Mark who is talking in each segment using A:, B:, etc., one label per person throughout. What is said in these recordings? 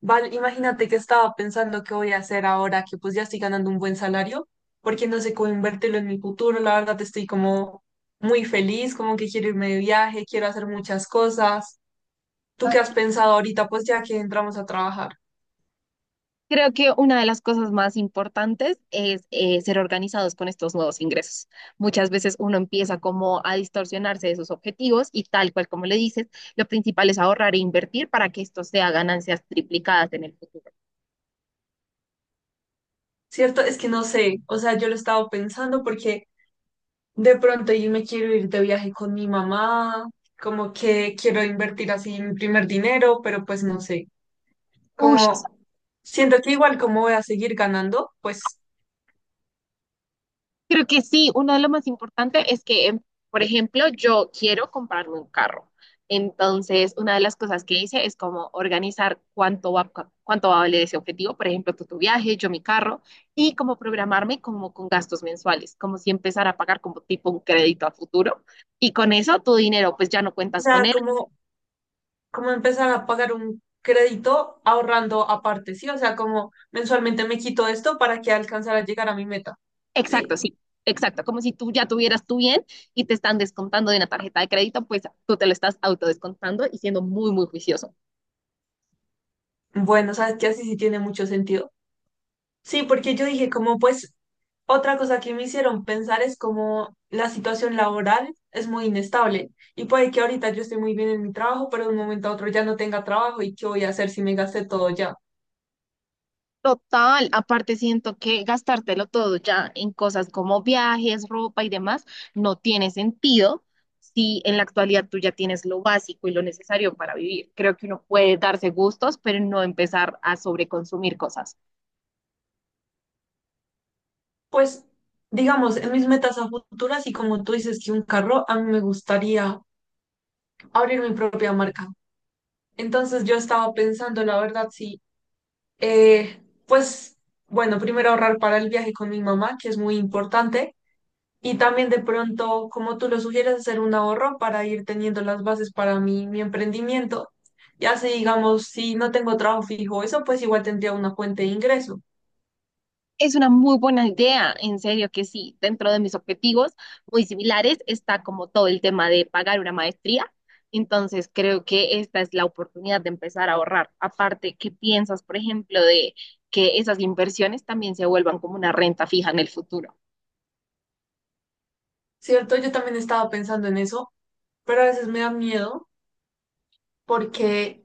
A: Val, imagínate que estaba pensando qué voy a hacer ahora que pues ya estoy ganando un buen salario, porque no sé cómo invertirlo en mi futuro. La verdad estoy como muy feliz, como que quiero irme de viaje, quiero hacer muchas cosas. ¿Tú qué has pensado ahorita? Pues ya que entramos a trabajar.
B: Creo que una de las cosas más importantes es ser organizados con estos nuevos ingresos. Muchas veces uno empieza como a distorsionarse de sus objetivos y tal cual como le dices, lo principal es ahorrar e invertir para que esto sea ganancias triplicadas en el futuro.
A: ¿Cierto? Es que no sé, o sea, yo lo he estado pensando porque de pronto yo me quiero ir de viaje con mi mamá, como que quiero invertir así mi primer dinero, pero pues no sé,
B: Uy,
A: como siento que igual como voy a seguir ganando, pues.
B: creo que sí, uno de los más importantes es que, por ejemplo, yo quiero comprarme un carro. Entonces, una de las cosas que hice es como organizar cuánto va a valer ese objetivo. Por ejemplo, tú tu viaje, yo mi carro, y como programarme como con gastos mensuales, como si empezara a pagar como tipo un crédito a futuro. Y con eso tu dinero, pues ya no
A: O
B: cuentas
A: sea,
B: con él.
A: como como empezar a pagar un crédito ahorrando aparte, ¿sí? O sea, como mensualmente me quito esto para que alcanzar a llegar a mi meta,
B: Exacto,
A: ¿sí?
B: sí, exacto. Como si tú ya tuvieras tu bien y te están descontando de una tarjeta de crédito, pues tú te lo estás autodescontando y siendo muy, muy juicioso.
A: Bueno, sabes que así sí tiene mucho sentido. Sí, porque yo dije, como pues, otra cosa que me hicieron pensar es como la situación laboral es muy inestable y puede que ahorita yo esté muy bien en mi trabajo, pero de un momento a otro ya no tenga trabajo y qué voy a hacer si me gasté todo ya.
B: Total, aparte siento que gastártelo todo ya en cosas como viajes, ropa y demás no tiene sentido si en la actualidad tú ya tienes lo básico y lo necesario para vivir. Creo que uno puede darse gustos, pero no empezar a sobreconsumir cosas.
A: Pues, digamos, en mis metas a futuras y como tú dices que un carro, a mí me gustaría abrir mi propia marca. Entonces yo estaba pensando, la verdad, sí, eh, pues bueno, primero ahorrar para el viaje con mi mamá, que es muy importante, y también de pronto, como tú lo sugieres, hacer un ahorro para ir teniendo las bases para mi emprendimiento. Ya si digamos, si no tengo trabajo fijo, eso pues igual tendría una fuente de ingreso,
B: Es una muy buena idea, en serio que sí. Dentro de mis objetivos muy similares está como todo el tema de pagar una maestría. Entonces creo que esta es la oportunidad de empezar a ahorrar. Aparte, ¿qué piensas, por ejemplo, de que esas inversiones también se vuelvan como una renta fija en el futuro?
A: ¿cierto? Yo también estaba pensando en eso, pero a veces me da miedo porque,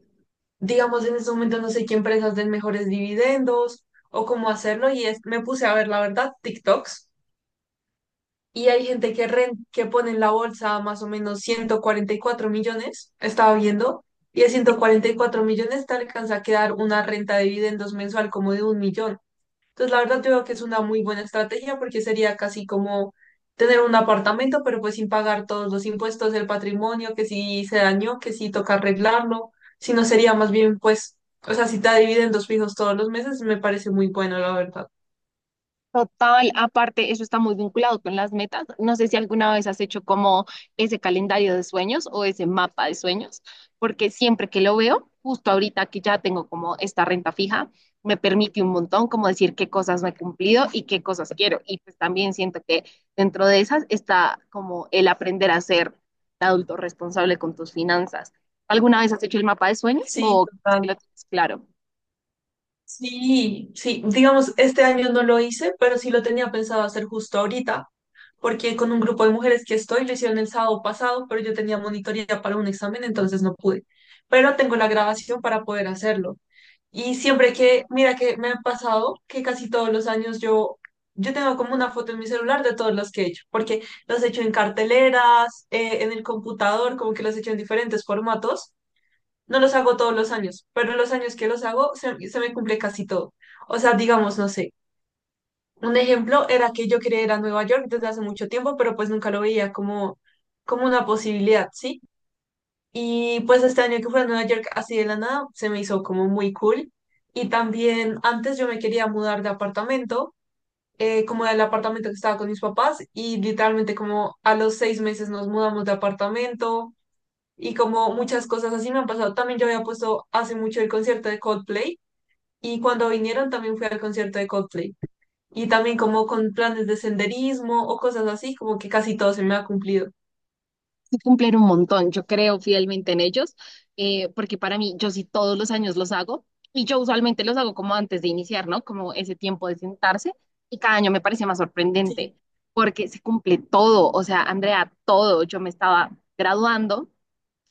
A: digamos, en este momento no sé qué empresas den mejores dividendos o cómo hacerlo, y es, me puse a ver, la verdad, TikToks. Y hay gente que, que pone en la bolsa más o menos 144 millones, estaba viendo, y de 144 millones te alcanza a quedar una renta de dividendos mensual como de 1 millón. Entonces, la verdad, yo creo que es una muy buena estrategia porque sería casi como tener un apartamento, pero pues sin pagar todos los impuestos del patrimonio, que si se dañó, que si toca arreglarlo, si no sería más bien, pues, o sea, si te da dividendos fijos todos los meses, me parece muy bueno, la verdad.
B: Total, aparte, eso está muy vinculado con las metas. No sé si alguna vez has hecho como ese calendario de sueños o ese mapa de sueños, porque siempre que lo veo, justo ahorita que ya tengo como esta renta fija, me permite un montón como decir qué cosas no he cumplido y qué cosas quiero. Y pues también siento que dentro de esas está como el aprender a ser adulto responsable con tus finanzas. ¿Alguna vez has hecho el mapa de sueños
A: Sí,
B: o es que
A: total.
B: lo tienes claro?
A: Sí, sí, digamos, este año no lo hice, pero sí lo tenía pensado hacer justo ahorita, porque con un grupo de mujeres que estoy lo hicieron el sábado pasado, pero yo tenía monitoría para un examen, entonces no pude. Pero tengo la grabación para poder hacerlo. Y siempre que, mira que me ha pasado que casi todos los años yo tengo como una foto en mi celular de todos los que he hecho, porque los he hecho en carteleras, en el computador, como que los he hecho en diferentes formatos. No los hago todos los años, pero los años que los hago se me cumple casi todo. O sea, digamos, no sé. Un ejemplo era que yo quería ir a Nueva York desde hace mucho tiempo, pero pues nunca lo veía como una posibilidad, ¿sí? Y pues este año que fui a Nueva York así de la nada, se me hizo como muy cool. Y también antes yo me quería mudar de apartamento, como del apartamento que estaba con mis papás, y literalmente como a los 6 meses nos mudamos de apartamento y como muchas cosas así me han pasado. También yo había puesto hace mucho el concierto de Coldplay y cuando vinieron también fui al concierto de Coldplay. Y también como con planes de senderismo o cosas así, como que casi todo se me ha cumplido.
B: Sí cumplen un montón. Yo creo fielmente en ellos, porque para mí, yo sí todos los años los hago y yo usualmente los hago como antes de iniciar, ¿no? Como ese tiempo de sentarse y cada año me parece más sorprendente porque se cumple todo. O sea, Andrea, todo. Yo me estaba graduando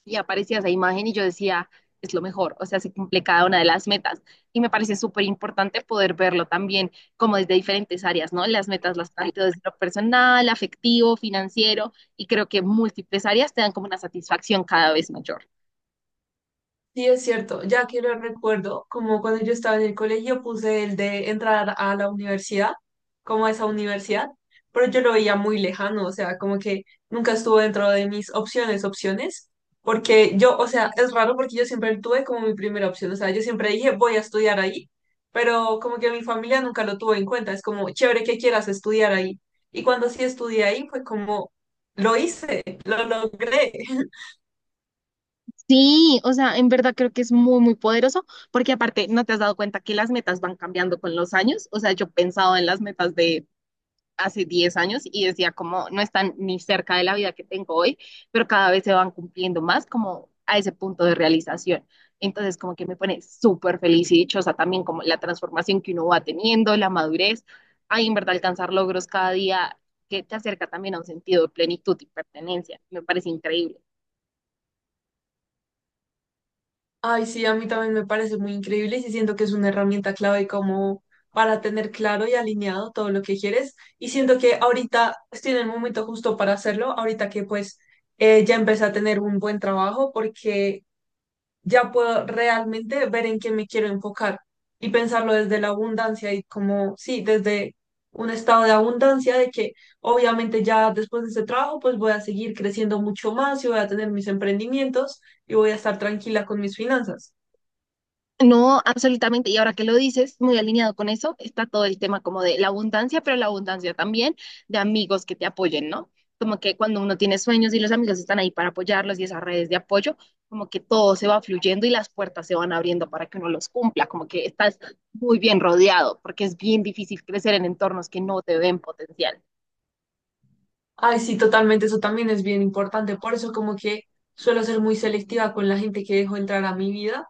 B: y aparecía esa imagen y yo decía, es lo mejor, o sea, se cumple cada una de las metas. Y me parece súper importante poder verlo también como desde diferentes áreas, ¿no? Las metas las planteo desde lo personal, afectivo, financiero, y creo que múltiples áreas te dan como una satisfacción cada vez mayor.
A: Sí, es cierto, ya que lo recuerdo, como cuando yo estaba en el colegio puse el de entrar a la universidad, como a esa universidad, pero yo lo veía muy lejano, o sea, como que nunca estuvo dentro de mis opciones, opciones, porque yo, o sea, es raro porque yo siempre tuve como mi primera opción, o sea, yo siempre dije voy a estudiar ahí, pero como que mi familia nunca lo tuvo en cuenta, es como chévere que quieras estudiar ahí, y cuando sí estudié ahí fue como lo hice, lo logré.
B: Sí, o sea, en verdad creo que es muy, muy poderoso, porque aparte, ¿no te has dado cuenta que las metas van cambiando con los años? O sea, yo he pensado en las metas de hace 10 años y decía como no están ni cerca de la vida que tengo hoy, pero cada vez se van cumpliendo más como a ese punto de realización. Entonces como que me pone súper feliz y dichosa también como la transformación que uno va teniendo, la madurez, ahí en verdad alcanzar logros cada día que te acerca también a un sentido de plenitud y pertenencia. Me parece increíble.
A: Ay, sí, a mí también me parece muy increíble y sí siento que es una herramienta clave como para tener claro y alineado todo lo que quieres. Y siento que ahorita estoy en el momento justo para hacerlo, ahorita que pues ya empecé a tener un buen trabajo porque ya puedo realmente ver en qué me quiero enfocar y pensarlo desde la abundancia y como, sí, desde un estado de abundancia de que obviamente ya después de este trabajo pues voy a seguir creciendo mucho más y voy a tener mis emprendimientos y voy a estar tranquila con mis finanzas.
B: No, absolutamente. Y ahora que lo dices, muy alineado con eso, está todo el tema como de la abundancia, pero la abundancia también de amigos que te apoyen, ¿no? Como que cuando uno tiene sueños y los amigos están ahí para apoyarlos y esas redes de apoyo, como que todo se va fluyendo y las puertas se van abriendo para que uno los cumpla, como que estás muy bien rodeado, porque es bien difícil crecer en entornos que no te ven potencial.
A: Ay, sí, totalmente, eso también es bien importante. Por eso como que suelo ser muy selectiva con la gente que dejo entrar a mi vida,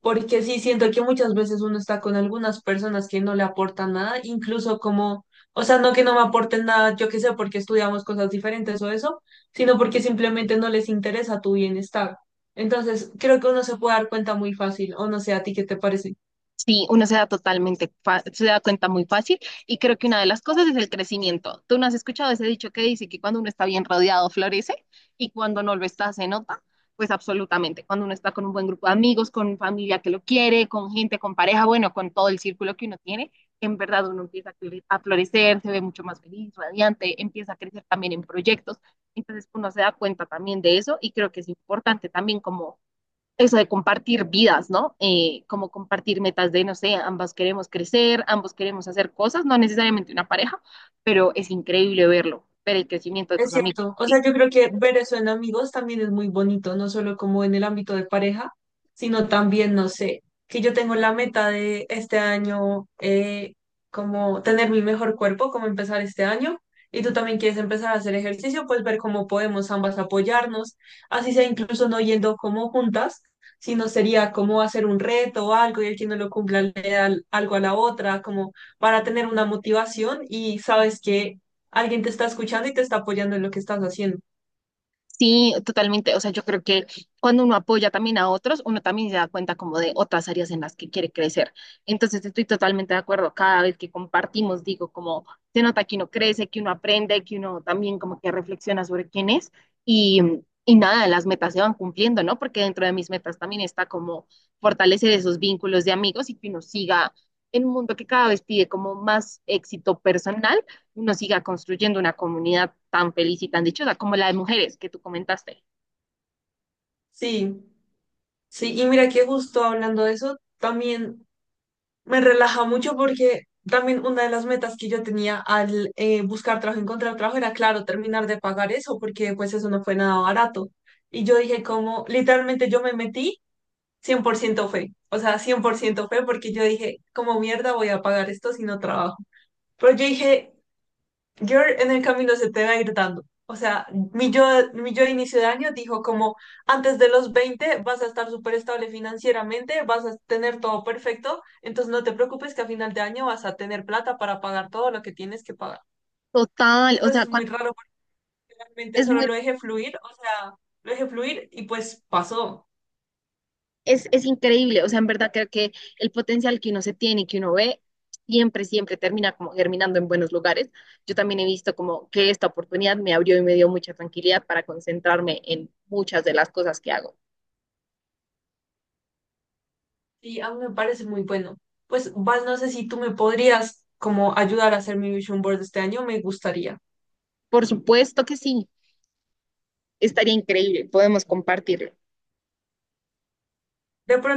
A: porque sí siento que muchas veces uno está con algunas personas que no le aportan nada, incluso como, o sea, no que no me aporten nada, yo qué sé, porque estudiamos cosas diferentes o eso, sino porque simplemente no les interesa tu bienestar. Entonces, creo que uno se puede dar cuenta muy fácil, o no sé, ¿a ti qué te parece?
B: Sí, uno se da totalmente, se da cuenta muy fácil y creo que una de las cosas es el crecimiento. ¿Tú no has escuchado ese dicho que dice que cuando uno está bien rodeado florece y cuando no lo está se nota? Pues absolutamente, cuando uno está con un buen grupo de amigos, con familia que lo quiere, con gente, con pareja, bueno, con todo el círculo que uno tiene, en verdad uno empieza a a florecer, se ve mucho más feliz, radiante, empieza a crecer también en proyectos. Entonces uno se da cuenta también de eso y creo que es importante también como eso de compartir vidas, ¿no? Como compartir metas de, no sé, ambas queremos crecer, ambos queremos hacer cosas, no necesariamente una pareja, pero es increíble verlo, ver el crecimiento de
A: Es
B: tus amigos.
A: cierto, o sea, yo creo que ver eso en amigos también es muy bonito, no solo como en el ámbito de pareja, sino también, no sé, que yo tengo la meta de este año, como tener mi mejor cuerpo, como empezar este año, y tú también quieres empezar a hacer ejercicio, pues ver cómo podemos ambas apoyarnos, así sea incluso no yendo como juntas, sino sería como hacer un reto o algo y el que no lo cumpla le da algo a la otra, como para tener una motivación y sabes que alguien te está escuchando y te está apoyando en lo que estás haciendo.
B: Sí, totalmente. O sea, yo creo que cuando uno apoya también a otros, uno también se da cuenta como de otras áreas en las que quiere crecer. Entonces, estoy totalmente de acuerdo. Cada vez que compartimos, digo, como se nota que uno crece, que uno aprende, que uno también como que reflexiona sobre quién es y, y nada, las metas se van cumpliendo, ¿no? Porque dentro de mis metas también está como fortalecer esos vínculos de amigos y que uno siga en un mundo que cada vez pide como más éxito personal, uno siga construyendo una comunidad tan feliz y tan dichosa como la de mujeres que tú comentaste.
A: Sí, sí, y mira que justo hablando de eso, también me relaja mucho porque también una de las metas que yo tenía al buscar trabajo, encontrar trabajo, era, claro, terminar de pagar eso, porque pues eso no fue nada barato. Y yo dije como, literalmente yo me metí, 100% fe, o sea, 100% fe porque yo dije, como mierda voy a pagar esto si no trabajo. Pero yo dije, Girl en el camino se te va a ir dando. O sea, mi yo, mi yo de inicio de año dijo como antes de los 20 vas a estar súper estable financieramente, vas a tener todo perfecto, entonces no te preocupes que a final de año vas a tener plata para pagar todo lo que tienes que pagar.
B: Total, o
A: Entonces
B: sea,
A: es muy raro, porque realmente
B: es
A: solo
B: muy,
A: lo dejé fluir, o sea, lo dejé fluir y pues pasó.
B: es increíble, o sea, en verdad creo que el potencial que uno se tiene y que uno ve siempre, siempre termina como germinando en buenos lugares. Yo también he visto como que esta oportunidad me abrió y me dio mucha tranquilidad para concentrarme en muchas de las cosas que hago.
A: Y a mí me parece muy bueno. Pues Val, no sé si tú me podrías como ayudar a hacer mi vision board este año, me gustaría.
B: Por supuesto que sí, estaría increíble, podemos compartirlo.
A: De pronto